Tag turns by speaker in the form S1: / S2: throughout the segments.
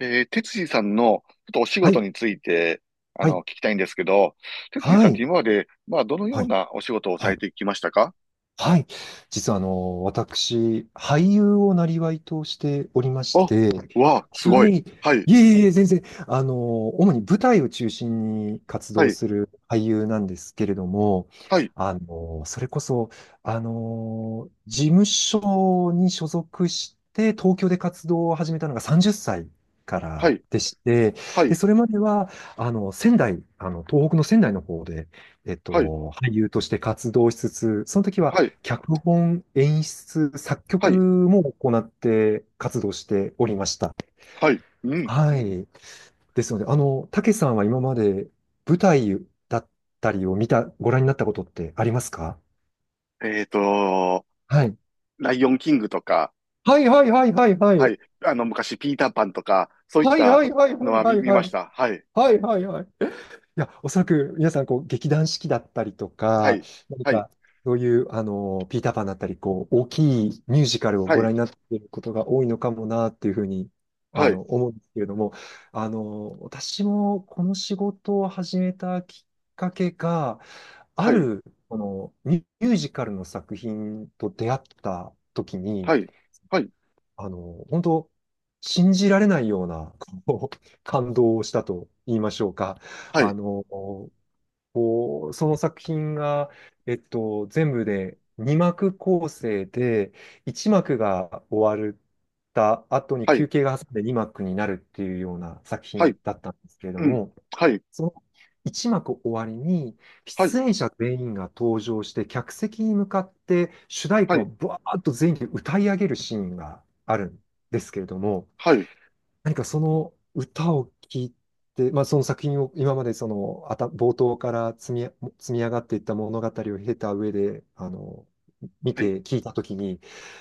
S1: 哲司さんのちょっとお仕
S2: は
S1: 事
S2: い、
S1: について、
S2: はい、
S1: 聞きたいんですけど、哲司
S2: は
S1: さんって
S2: い、
S1: 今まで、どのよ
S2: は
S1: う
S2: い、
S1: なお仕事をさ
S2: は
S1: れ
S2: い。
S1: てきましたか？
S2: はい。実は私、俳優をなりわいとしておりま
S1: あ、
S2: して、
S1: わあ、すご
S2: は
S1: い。
S2: い。
S1: はい、
S2: いえいえ、全然。主に舞台を中心に活
S1: は
S2: 動
S1: い、
S2: する俳優なんですけれども、
S1: はい、
S2: それこそ、事務所に所属して、東京で活動を始めたのが30歳か
S1: は
S2: ら
S1: い、
S2: でして、
S1: は
S2: で、
S1: い、
S2: それまでは、仙台、東北の仙台の方で、
S1: はい、
S2: 俳優として活動しつつ、その時は、
S1: はい、
S2: 脚本、演出、作
S1: は
S2: 曲
S1: い、
S2: も行って活動しておりました。
S1: はい、うん。
S2: はい。ですので、たけさんは今まで舞台だったりを見た、ご覧になったことってありますか？
S1: えっと、
S2: はい。
S1: ライオンキングとか、
S2: はいはいはいはいは
S1: は
S2: い。
S1: い、昔、ピーターパンとか、そういっ
S2: はいは
S1: た
S2: いはい
S1: の
S2: はい
S1: は
S2: は
S1: 見、
S2: い
S1: 見
S2: は
S1: ま
S2: い。
S1: した。はい、
S2: はいはいはい。いや、おそらく皆さん、こう、劇団四季だったりと
S1: は
S2: か、
S1: い、
S2: 何
S1: はい、
S2: か、そういう、ピーターパンだったり、こう、大きいミュージカルを
S1: は
S2: ご
S1: い、
S2: 覧になっていることが多いのかもな、っていうふうに、
S1: はい、
S2: 思うんですけれども、私もこの仕事を始めたきっかけが、ある、この、ミュージカルの作品と出会った時に、
S1: はい、はい、
S2: 本当信じられないような、こう、感動をしたと言いましょうか。
S1: は
S2: あ
S1: い、
S2: の、こう、その作品が、全部で2幕構成で、1幕が終わった後に
S1: はい、はい、
S2: 休憩が挟んで2幕になるっていうような作
S1: はい、
S2: 品だったんですけれど
S1: うん、
S2: も、
S1: はい、
S2: その1幕終わりに、
S1: はい、
S2: 出演者全員が登場して、客席に向かって主題
S1: は
S2: 歌を
S1: い、
S2: バーッと全員で歌い上げるシーンがあるんですけれども、
S1: はい、
S2: 何かその歌を聴いて、まあ、その作品を今までその冒頭から積み上がっていった物語を経た上で、見
S1: はい、
S2: て聞いたときに、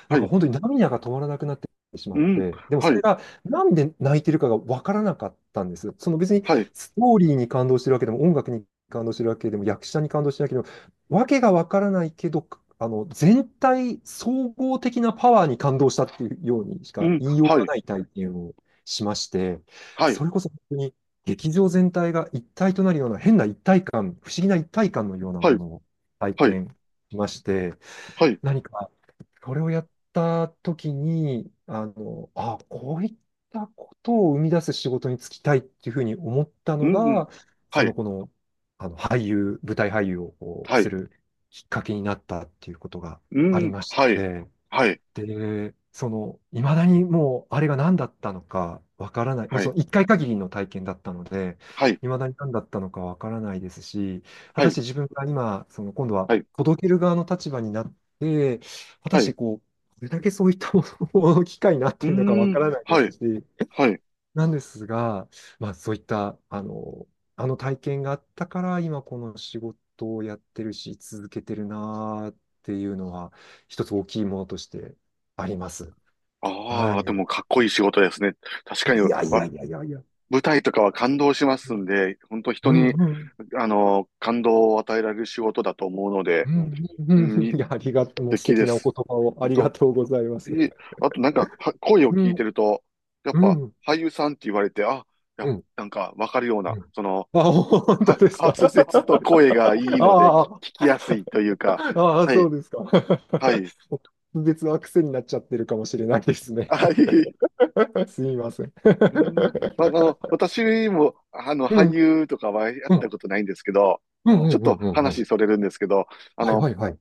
S2: な
S1: は
S2: んか
S1: い、
S2: 本当に涙が止まらなくなってしま
S1: う
S2: っ
S1: ん、
S2: て、でも
S1: は
S2: それ
S1: い、
S2: がなんで泣いてるかがわからなかったんです。その別に
S1: はい、
S2: ストーリーに感動してるわけでも、音楽に感動してるわけでも、役者に感動してるわけでも、わけがわからないけど、全体、総合的なパワーに感動したっていうようにし
S1: う
S2: か
S1: ん、
S2: 言いよう
S1: は
S2: が
S1: い、
S2: ない体験をしまして、
S1: はい、
S2: それこそ本当に劇場全体が一体となるような変な一体感、不思議な一体感のような
S1: は
S2: も
S1: い、
S2: のを体
S1: はい、
S2: 験しまして、
S1: はい、
S2: 何かそれをやった時に、あ、こういったことを生み出す仕事に就きたいっていうふうに思った
S1: うん、
S2: の
S1: うん、
S2: が、
S1: は
S2: その
S1: い、
S2: この、あの俳優、舞台俳優をこう
S1: は
S2: す
S1: い、
S2: るきっかけになったっていうことが
S1: う
S2: あり
S1: ん、
S2: まし
S1: はい、
S2: て、
S1: はい、
S2: で、その、いまだにもう、あれが何だったのかわからない。もう
S1: は
S2: そ
S1: い、
S2: の一回限りの体験だったので、
S1: はい、
S2: いまだに何だったのかわからないですし、果
S1: は
S2: たし
S1: い、
S2: て自分が今、その、今度は
S1: はい、
S2: 届ける側の立場になって、果た
S1: は
S2: して
S1: い、
S2: こう、どれだけそういったものを機会になってい
S1: う
S2: るのかわ
S1: ん、
S2: からないで
S1: は
S2: す
S1: い、
S2: し、
S1: はい。
S2: なんですが、まあ、そういった、あの体験があったから、今この仕事をやってるし、続けてるなーっていうのは、一つ大きいものとしてあります。は
S1: ああ、でも
S2: い。
S1: かっこいい仕事ですね。確かに、
S2: いやいやいやいやいや。
S1: 舞台とかは感動しますんで、本当人
S2: うん
S1: に、
S2: うん。
S1: 感動を与えられる仕事だと思うので、
S2: うんう
S1: う
S2: ん
S1: ん、
S2: う
S1: に
S2: ん。い
S1: 素
S2: や、ありがとう。もう素
S1: 敵
S2: 敵
S1: で
S2: なお
S1: す。
S2: 言葉をあ
S1: あ
S2: りが
S1: と、
S2: とうございます。
S1: ええあとなんか、は声を
S2: う
S1: 聞い
S2: ん
S1: てると、やっ
S2: う
S1: ぱ
S2: ん
S1: 俳優さんって言われて、あ、や、
S2: うん
S1: なんかわかるような、
S2: うん。あ、本当ですか。
S1: 滑舌と声がい いので聞
S2: ああ、
S1: きやすいというか、
S2: ああ、
S1: は
S2: そ
S1: い、
S2: うですか。
S1: はい、
S2: もう別の癖になっちゃってるかもしれないですね。
S1: はい。
S2: すみません。
S1: う ん、私も、
S2: う
S1: 俳
S2: ん、
S1: 優とかはやっ
S2: うん、
S1: た
S2: うん、
S1: ことないんですけど、
S2: うん、う
S1: ちょ
S2: ん、
S1: っ
S2: う
S1: と
S2: ん。う
S1: 話
S2: ん。
S1: それるんですけど、あ
S2: はい
S1: の、
S2: はいはい。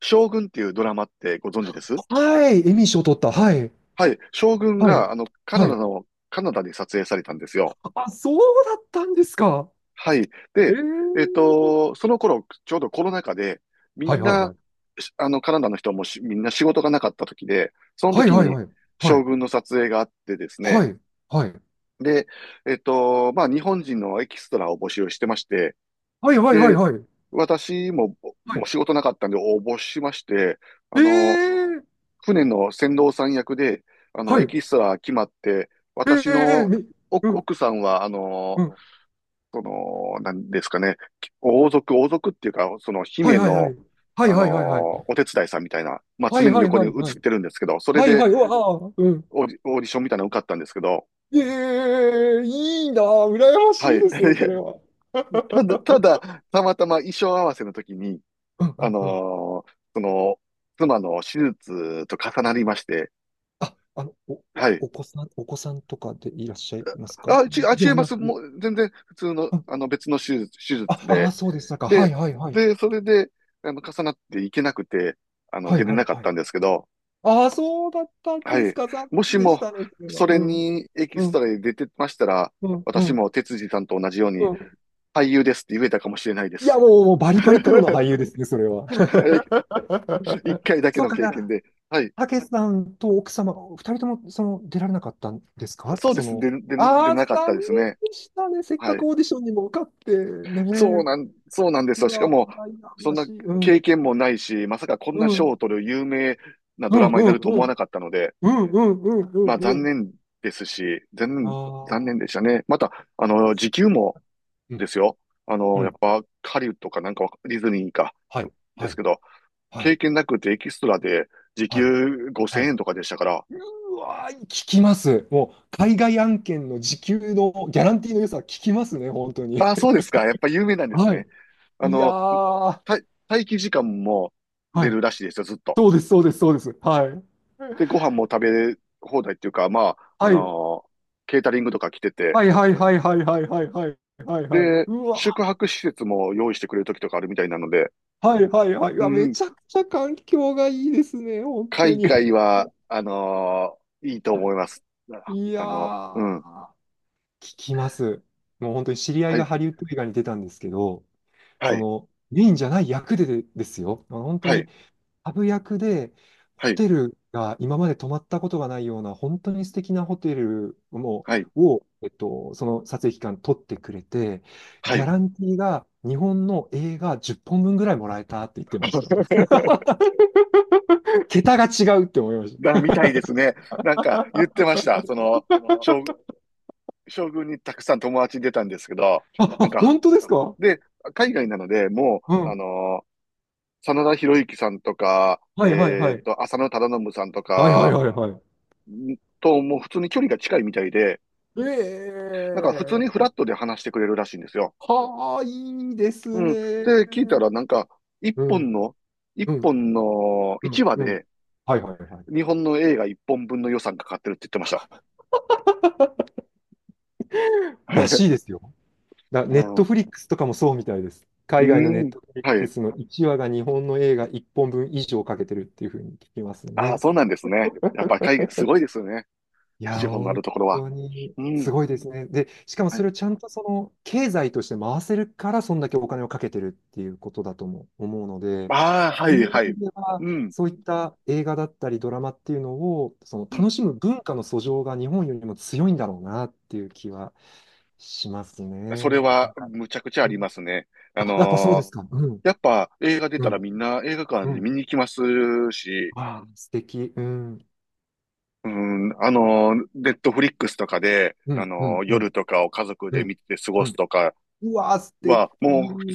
S1: 将軍っていうドラマってご存知です？
S2: はい、エミー賞取った。はい、
S1: はい、将軍
S2: はい、
S1: が、カナ
S2: は
S1: ダ
S2: い。
S1: の、カナダで撮影されたんですよ。
S2: あ、そうだったんですか。
S1: はい。
S2: え
S1: で、
S2: え、
S1: その頃、ちょうどコロナ禍で、み
S2: はい
S1: ん
S2: はいは
S1: な、
S2: い。
S1: しあの、カナダの人もしみんな仕事がなかった時で、その
S2: はい
S1: 時
S2: はい
S1: に
S2: はい。はい、
S1: 将軍の撮影があってです
S2: は
S1: ね、
S2: い、はい。
S1: で、日本人のエキストラを募集してまして、
S2: はいはいはい
S1: で、
S2: はい。
S1: 私も、
S2: は
S1: もう
S2: い。
S1: 仕事なかったんで応募しまして、あの、
S2: ええ、
S1: 船の船頭さん役で、
S2: は
S1: エ
S2: い。
S1: キストラ決まって、
S2: え
S1: 私
S2: え
S1: の
S2: みう
S1: 奥、
S2: ん、
S1: 奥さんは、
S2: うん。
S1: なんですかね、王族、王族っていうか、その
S2: はい
S1: 姫
S2: はいは
S1: の、
S2: い。はい
S1: あの
S2: は
S1: ー
S2: いはいはい。
S1: お手伝いさんみたいな、
S2: は
S1: 常
S2: い
S1: に
S2: はい
S1: 横
S2: は
S1: に映っ
S2: いはい。
S1: てるんですけど、それ
S2: はいは
S1: で
S2: い、うわあ、うん。
S1: オーディションみたいなの受かったんですけど、
S2: ええ、いいな、羨ま
S1: は
S2: し
S1: い。
S2: いですね、それ は。
S1: いや、ただ、たまたま衣装合わせの時に、
S2: うんう
S1: あ
S2: んうん。
S1: のーその、妻の手術と重なりまして、
S2: あ、
S1: はい。
S2: お子さんとかでいらっしゃいますか
S1: あ、あ、
S2: で
S1: 違い
S2: は
S1: ま
S2: な
S1: す。
S2: く。
S1: もう、全然、普通の、
S2: あ、
S1: 別の手術、手
S2: あ、
S1: 術
S2: あ
S1: で、
S2: そうでしたか。はい
S1: で、
S2: はいはい。
S1: で、それで、重なっていけなくて、
S2: は
S1: 出
S2: い
S1: れ
S2: は
S1: な
S2: い
S1: かっ
S2: は
S1: た
S2: い。
S1: んですけど、
S2: ああ、そうだったん
S1: は
S2: です
S1: い。
S2: か。残
S1: も
S2: 念
S1: し
S2: でし
S1: も、
S2: たね、それは。
S1: それ
S2: うん、
S1: にエキ
S2: う
S1: スト
S2: ん、
S1: ラで出てましたら、
S2: うん、う
S1: 私
S2: ん、
S1: も哲司さんと同じように、
S2: うん。
S1: 俳優ですって言えたかもしれないで
S2: いや、
S1: す。
S2: もうバ リバリプロの
S1: は
S2: 俳優ですね、それは。
S1: い。一 回だけ
S2: そう
S1: の経験
S2: か、
S1: で。はい。
S2: たけさんと奥様が、二人ともその出られなかったんですか？
S1: そうです。で
S2: ああ、
S1: なかった
S2: 残
S1: です
S2: 念
S1: ね。
S2: でしたね。せっ
S1: は
S2: かく
S1: い。
S2: オーディションにも受かって
S1: そう
S2: ね。
S1: なん、そうなんですよ。
S2: う
S1: しか
S2: わ、
S1: も、
S2: 羨
S1: そん
S2: ま
S1: な
S2: しい。う
S1: 経
S2: ん、
S1: 験もないし、まさかこん
S2: う
S1: な
S2: ん、う
S1: 賞を
S2: ん、
S1: 取る有名な
S2: う
S1: ドラ
S2: ん、
S1: マ
S2: う
S1: にな
S2: ん、
S1: ると
S2: う
S1: 思わ
S2: ん、
S1: なかったので、
S2: うん、うん、うん。う
S1: 残
S2: ん、
S1: 念ですし、残
S2: あ
S1: 念、残
S2: ー、
S1: 念でしたね。また、
S2: あ、そ
S1: 時給も
S2: う。う
S1: で
S2: ん、
S1: すよ。
S2: う
S1: やっ
S2: ん。
S1: ぱ、ハリウッドかなんかディズニーか、
S2: はい、
S1: で
S2: は
S1: す
S2: い、
S1: けど、
S2: はい、
S1: 経験なくてエキストラで時
S2: はい、
S1: 給
S2: は
S1: 5000
S2: い。
S1: 円とかでしたから、
S2: うわー、聞きます。もう、海外案件の時給のギャランティーの良さ聞きますね、本当に。
S1: ああ、そうですか。やっぱ有名なんです
S2: は
S1: ね。
S2: い。
S1: あ
S2: いや
S1: の、
S2: ー、
S1: た待機時間も
S2: は
S1: 出
S2: い。
S1: るらしいですよ、ずっと。
S2: そうです、そうです、そうです。はい。
S1: で、ご飯も食べ放題っていうか、
S2: はい。
S1: ケータリングとか来てて、
S2: はいはいはいはいはいはいはいはいはい。
S1: で、
S2: うわ、
S1: 宿泊施設も用意してくれる時とかあるみたいなので、
S2: はいはいはい。う
S1: う
S2: わ、め
S1: ん、
S2: ちゃくちゃ環境がいいですね、本当
S1: 海
S2: に。
S1: 外は、いいと思います。
S2: いや
S1: うん、
S2: ー、聞きます。もう本当に知り合い
S1: は
S2: が
S1: い、
S2: ハリウッド映画に出たんですけど、
S1: は
S2: そ
S1: い。
S2: の、メインじゃない役でですよ。本当
S1: はい、
S2: にハブ役で、
S1: は
S2: ホ
S1: い、
S2: テルが今まで泊まったことがないような、本当に素敵なホテルも
S1: はい、
S2: を、その撮影期間取ってくれて、
S1: は
S2: ギャ
S1: い。
S2: ランティーが日本の映画10本分ぐらいもらえたって言ってました。桁が違うって思いました。
S1: みたいですね。なんか言ってました。将、将軍にたくさん友達出たんですけど、
S2: あ、
S1: なんか、
S2: 本当ですか？
S1: で、海外なので、も
S2: う
S1: う、
S2: ん。
S1: 真田広之さんとか、
S2: はいはいはい。
S1: 浅野忠信さんと
S2: はいはい
S1: か、
S2: はいはい。
S1: もう普通に距離が近いみたいで、
S2: え
S1: なんか普通にフ
S2: え、
S1: ラットで話してくれるらしいんですよ。
S2: はあ、いいで
S1: う
S2: す
S1: ん。
S2: ね。
S1: で、聞いたら、なんか、一
S2: う
S1: 本
S2: ん、
S1: の、一
S2: うん、
S1: 本の、
S2: う
S1: 一
S2: ん、
S1: 話
S2: うん。
S1: で、
S2: はいはいはい。
S1: 日本の映画一本分の予算かかってるって言ってました。
S2: らしいで すよ。ネッ
S1: は
S2: トフリックスとかもそうみたいです。
S1: い、う
S2: 海外のネ
S1: ん。うー
S2: ッ
S1: ん。
S2: トフリッ
S1: は
S2: ク
S1: い。
S2: スの1話が日本の映画1本分以上かけてるっていうふうに聞きます
S1: あ
S2: ね。
S1: あ、そうなんですね。やっぱ海外、すごいですよね。
S2: いや、
S1: 資本のある
S2: 本
S1: ところは。
S2: 当に
S1: う
S2: す
S1: ん。
S2: ごいですね。で、しかも
S1: は
S2: そ
S1: い。
S2: れをちゃんとその経済として回せるから、そんだけお金をかけてるっていうことだとも思うので、
S1: ああ、は
S2: そうい
S1: い、
S2: う
S1: は
S2: 意
S1: い。
S2: 味では
S1: うん。
S2: そういった映画だったりドラマっていうのを、その
S1: う
S2: 楽
S1: ん。
S2: しむ文化の素性が日本よりも強いんだろうなっていう気はします
S1: それ
S2: ね。な
S1: は、
S2: んか、
S1: むちゃくちゃあ
S2: う
S1: りま
S2: ん、
S1: すね。あ
S2: あ、やっぱそう
S1: の
S2: です
S1: ー
S2: か。うん。
S1: やっぱ映画出
S2: う
S1: たら
S2: ん、
S1: みんな映画館
S2: う
S1: に
S2: ん。
S1: 見に行きますし、
S2: わあ、素敵。うん、
S1: うん、ネットフリックスとかで、
S2: うん、うん、う
S1: 夜
S2: ん、
S1: とかを家族
S2: う
S1: で
S2: ん。
S1: 見て過ご
S2: う
S1: す
S2: ん。
S1: とか
S2: うわあ、素
S1: は、
S2: 敵。う
S1: もう普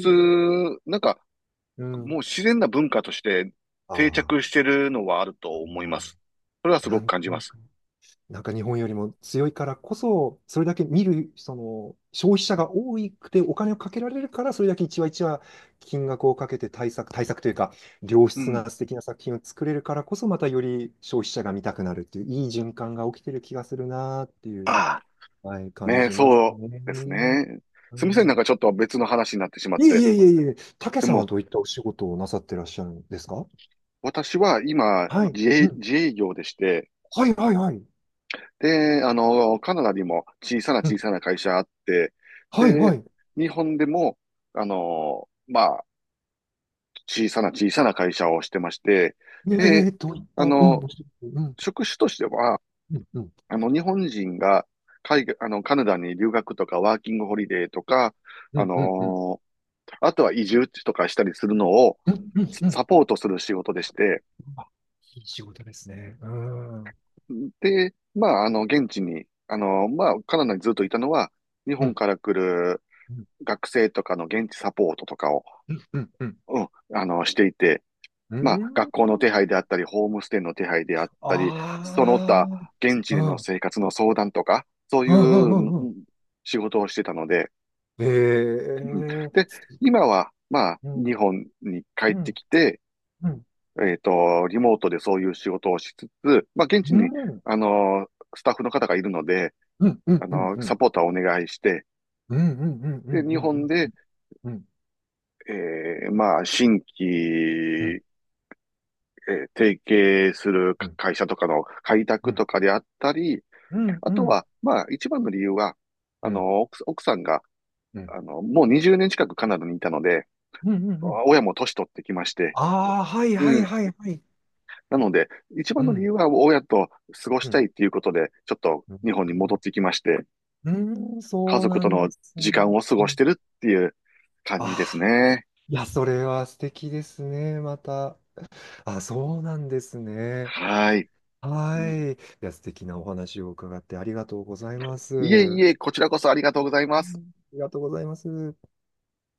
S1: 通、なんか、
S2: ん。
S1: もう自然な文化として定
S2: あ
S1: 着してるのはあると思いま
S2: あ、
S1: す。それはす
S2: な
S1: ごく
S2: ん
S1: 感
S2: と
S1: じま
S2: な
S1: す。
S2: く、なんか日本よりも強いからこそ、それだけ見る、その、消費者が多くてお金をかけられるから、それだけ一話一話金額をかけて対策、対策というか、良
S1: う
S2: 質
S1: ん。
S2: な素敵な作品を作れるからこそ、またより消費者が見たくなるっていう、いい循環が起きてる気がするなーっていう、
S1: あ
S2: はい、
S1: あ、
S2: 感
S1: ね
S2: じます
S1: そうです
S2: ね。
S1: ね。
S2: う
S1: すみません、なん
S2: ん。
S1: かちょっと別の話になってしまっ
S2: いえい
S1: て。
S2: えいえいえ、た
S1: で
S2: さんは
S1: も、
S2: どういったお仕事をなさってらっしゃるんですか？
S1: 私は今、
S2: はい。
S1: 自
S2: う
S1: 営、
S2: ん。
S1: 自営業でして、
S2: はいはいはい。
S1: で、カナダにも小さな
S2: うん。
S1: 小さな会社あって、
S2: はいは
S1: で、
S2: い。
S1: 日本でも、あの、まあ、小さな小さな会社をしてまして、
S2: え
S1: で、
S2: え、どう、
S1: あ
S2: うん、
S1: の、
S2: お仕事、うん、
S1: 職種としては、
S2: うん、うん、
S1: 日本人が海外、カナダに留学とかワーキングホリデーとか、
S2: う
S1: あ
S2: ん、うん、うん、
S1: のーあとは移住とかしたりするのを
S2: うん、うん、うん。
S1: サポートする仕事でして、
S2: あ、仕事ですね。うん、うん、
S1: で、現地に、カナダにずっといたのは、日
S2: う
S1: 本
S2: ん、
S1: から来る学生とかの現地サポートとかを、
S2: うん、うん、うん。
S1: うん、していて、
S2: う
S1: 学校
S2: ん。
S1: の手配であったり、ホームステイの手配であったり、
S2: あ
S1: その
S2: あ、う
S1: 他、
S2: ん、
S1: 現地で
S2: う
S1: の
S2: ん、
S1: 生活の相談とか、そう
S2: う
S1: いう
S2: ん、う
S1: うん
S2: ん。うん。
S1: 仕事をしてたので、うん。
S2: ええ、
S1: で、今は、
S2: う
S1: 日
S2: ん、
S1: 本に帰
S2: う
S1: って
S2: ん、
S1: きて、
S2: うん、
S1: リモートでそういう仕事をしつつ、現地
S2: う
S1: に、
S2: ん、
S1: あの、スタッフの方がいるので、
S2: うん、うん、うん、うん、うん、
S1: サポーターをお願いして、
S2: うん、うん、うん、う
S1: で、日本
S2: ん、
S1: で、
S2: うん、う
S1: 新
S2: ん、
S1: 規、提携する
S2: うん。
S1: 会社とかの開
S2: う
S1: 拓
S2: ん、
S1: とかであったり、
S2: うん、
S1: あ
S2: う
S1: と
S2: ん、
S1: は、一番の理由は、
S2: うん、
S1: 奥さんが、
S2: うん、うん、
S1: もう20年近くカナダにいたので、
S2: うん。うん。
S1: 親も年取ってきまして、
S2: ああ、はい、はい、
S1: うん
S2: はい、はい。
S1: なので、一
S2: う
S1: 番の理
S2: ん、
S1: 由は親と過ごし
S2: う
S1: た
S2: ん、
S1: いっていうことで、ちょっと
S2: う
S1: 日
S2: ん、
S1: 本に戻ってきまして、
S2: うん、
S1: 家
S2: そう
S1: 族
S2: な
S1: と
S2: ん
S1: の
S2: です
S1: 時間
S2: ね。
S1: を過
S2: う
S1: ごし
S2: ん、
S1: てるっていう感
S2: あ
S1: じです
S2: あ、
S1: ね。
S2: いや、それは素敵ですね、また。あ、そうなんですね。
S1: はい。う
S2: は
S1: ん、
S2: い。いや、素敵なお話を伺ってありがとうございます。
S1: いえ
S2: は
S1: い
S2: い。
S1: え、こちらこそありがとうござい
S2: あ
S1: ます。
S2: りがとうございます。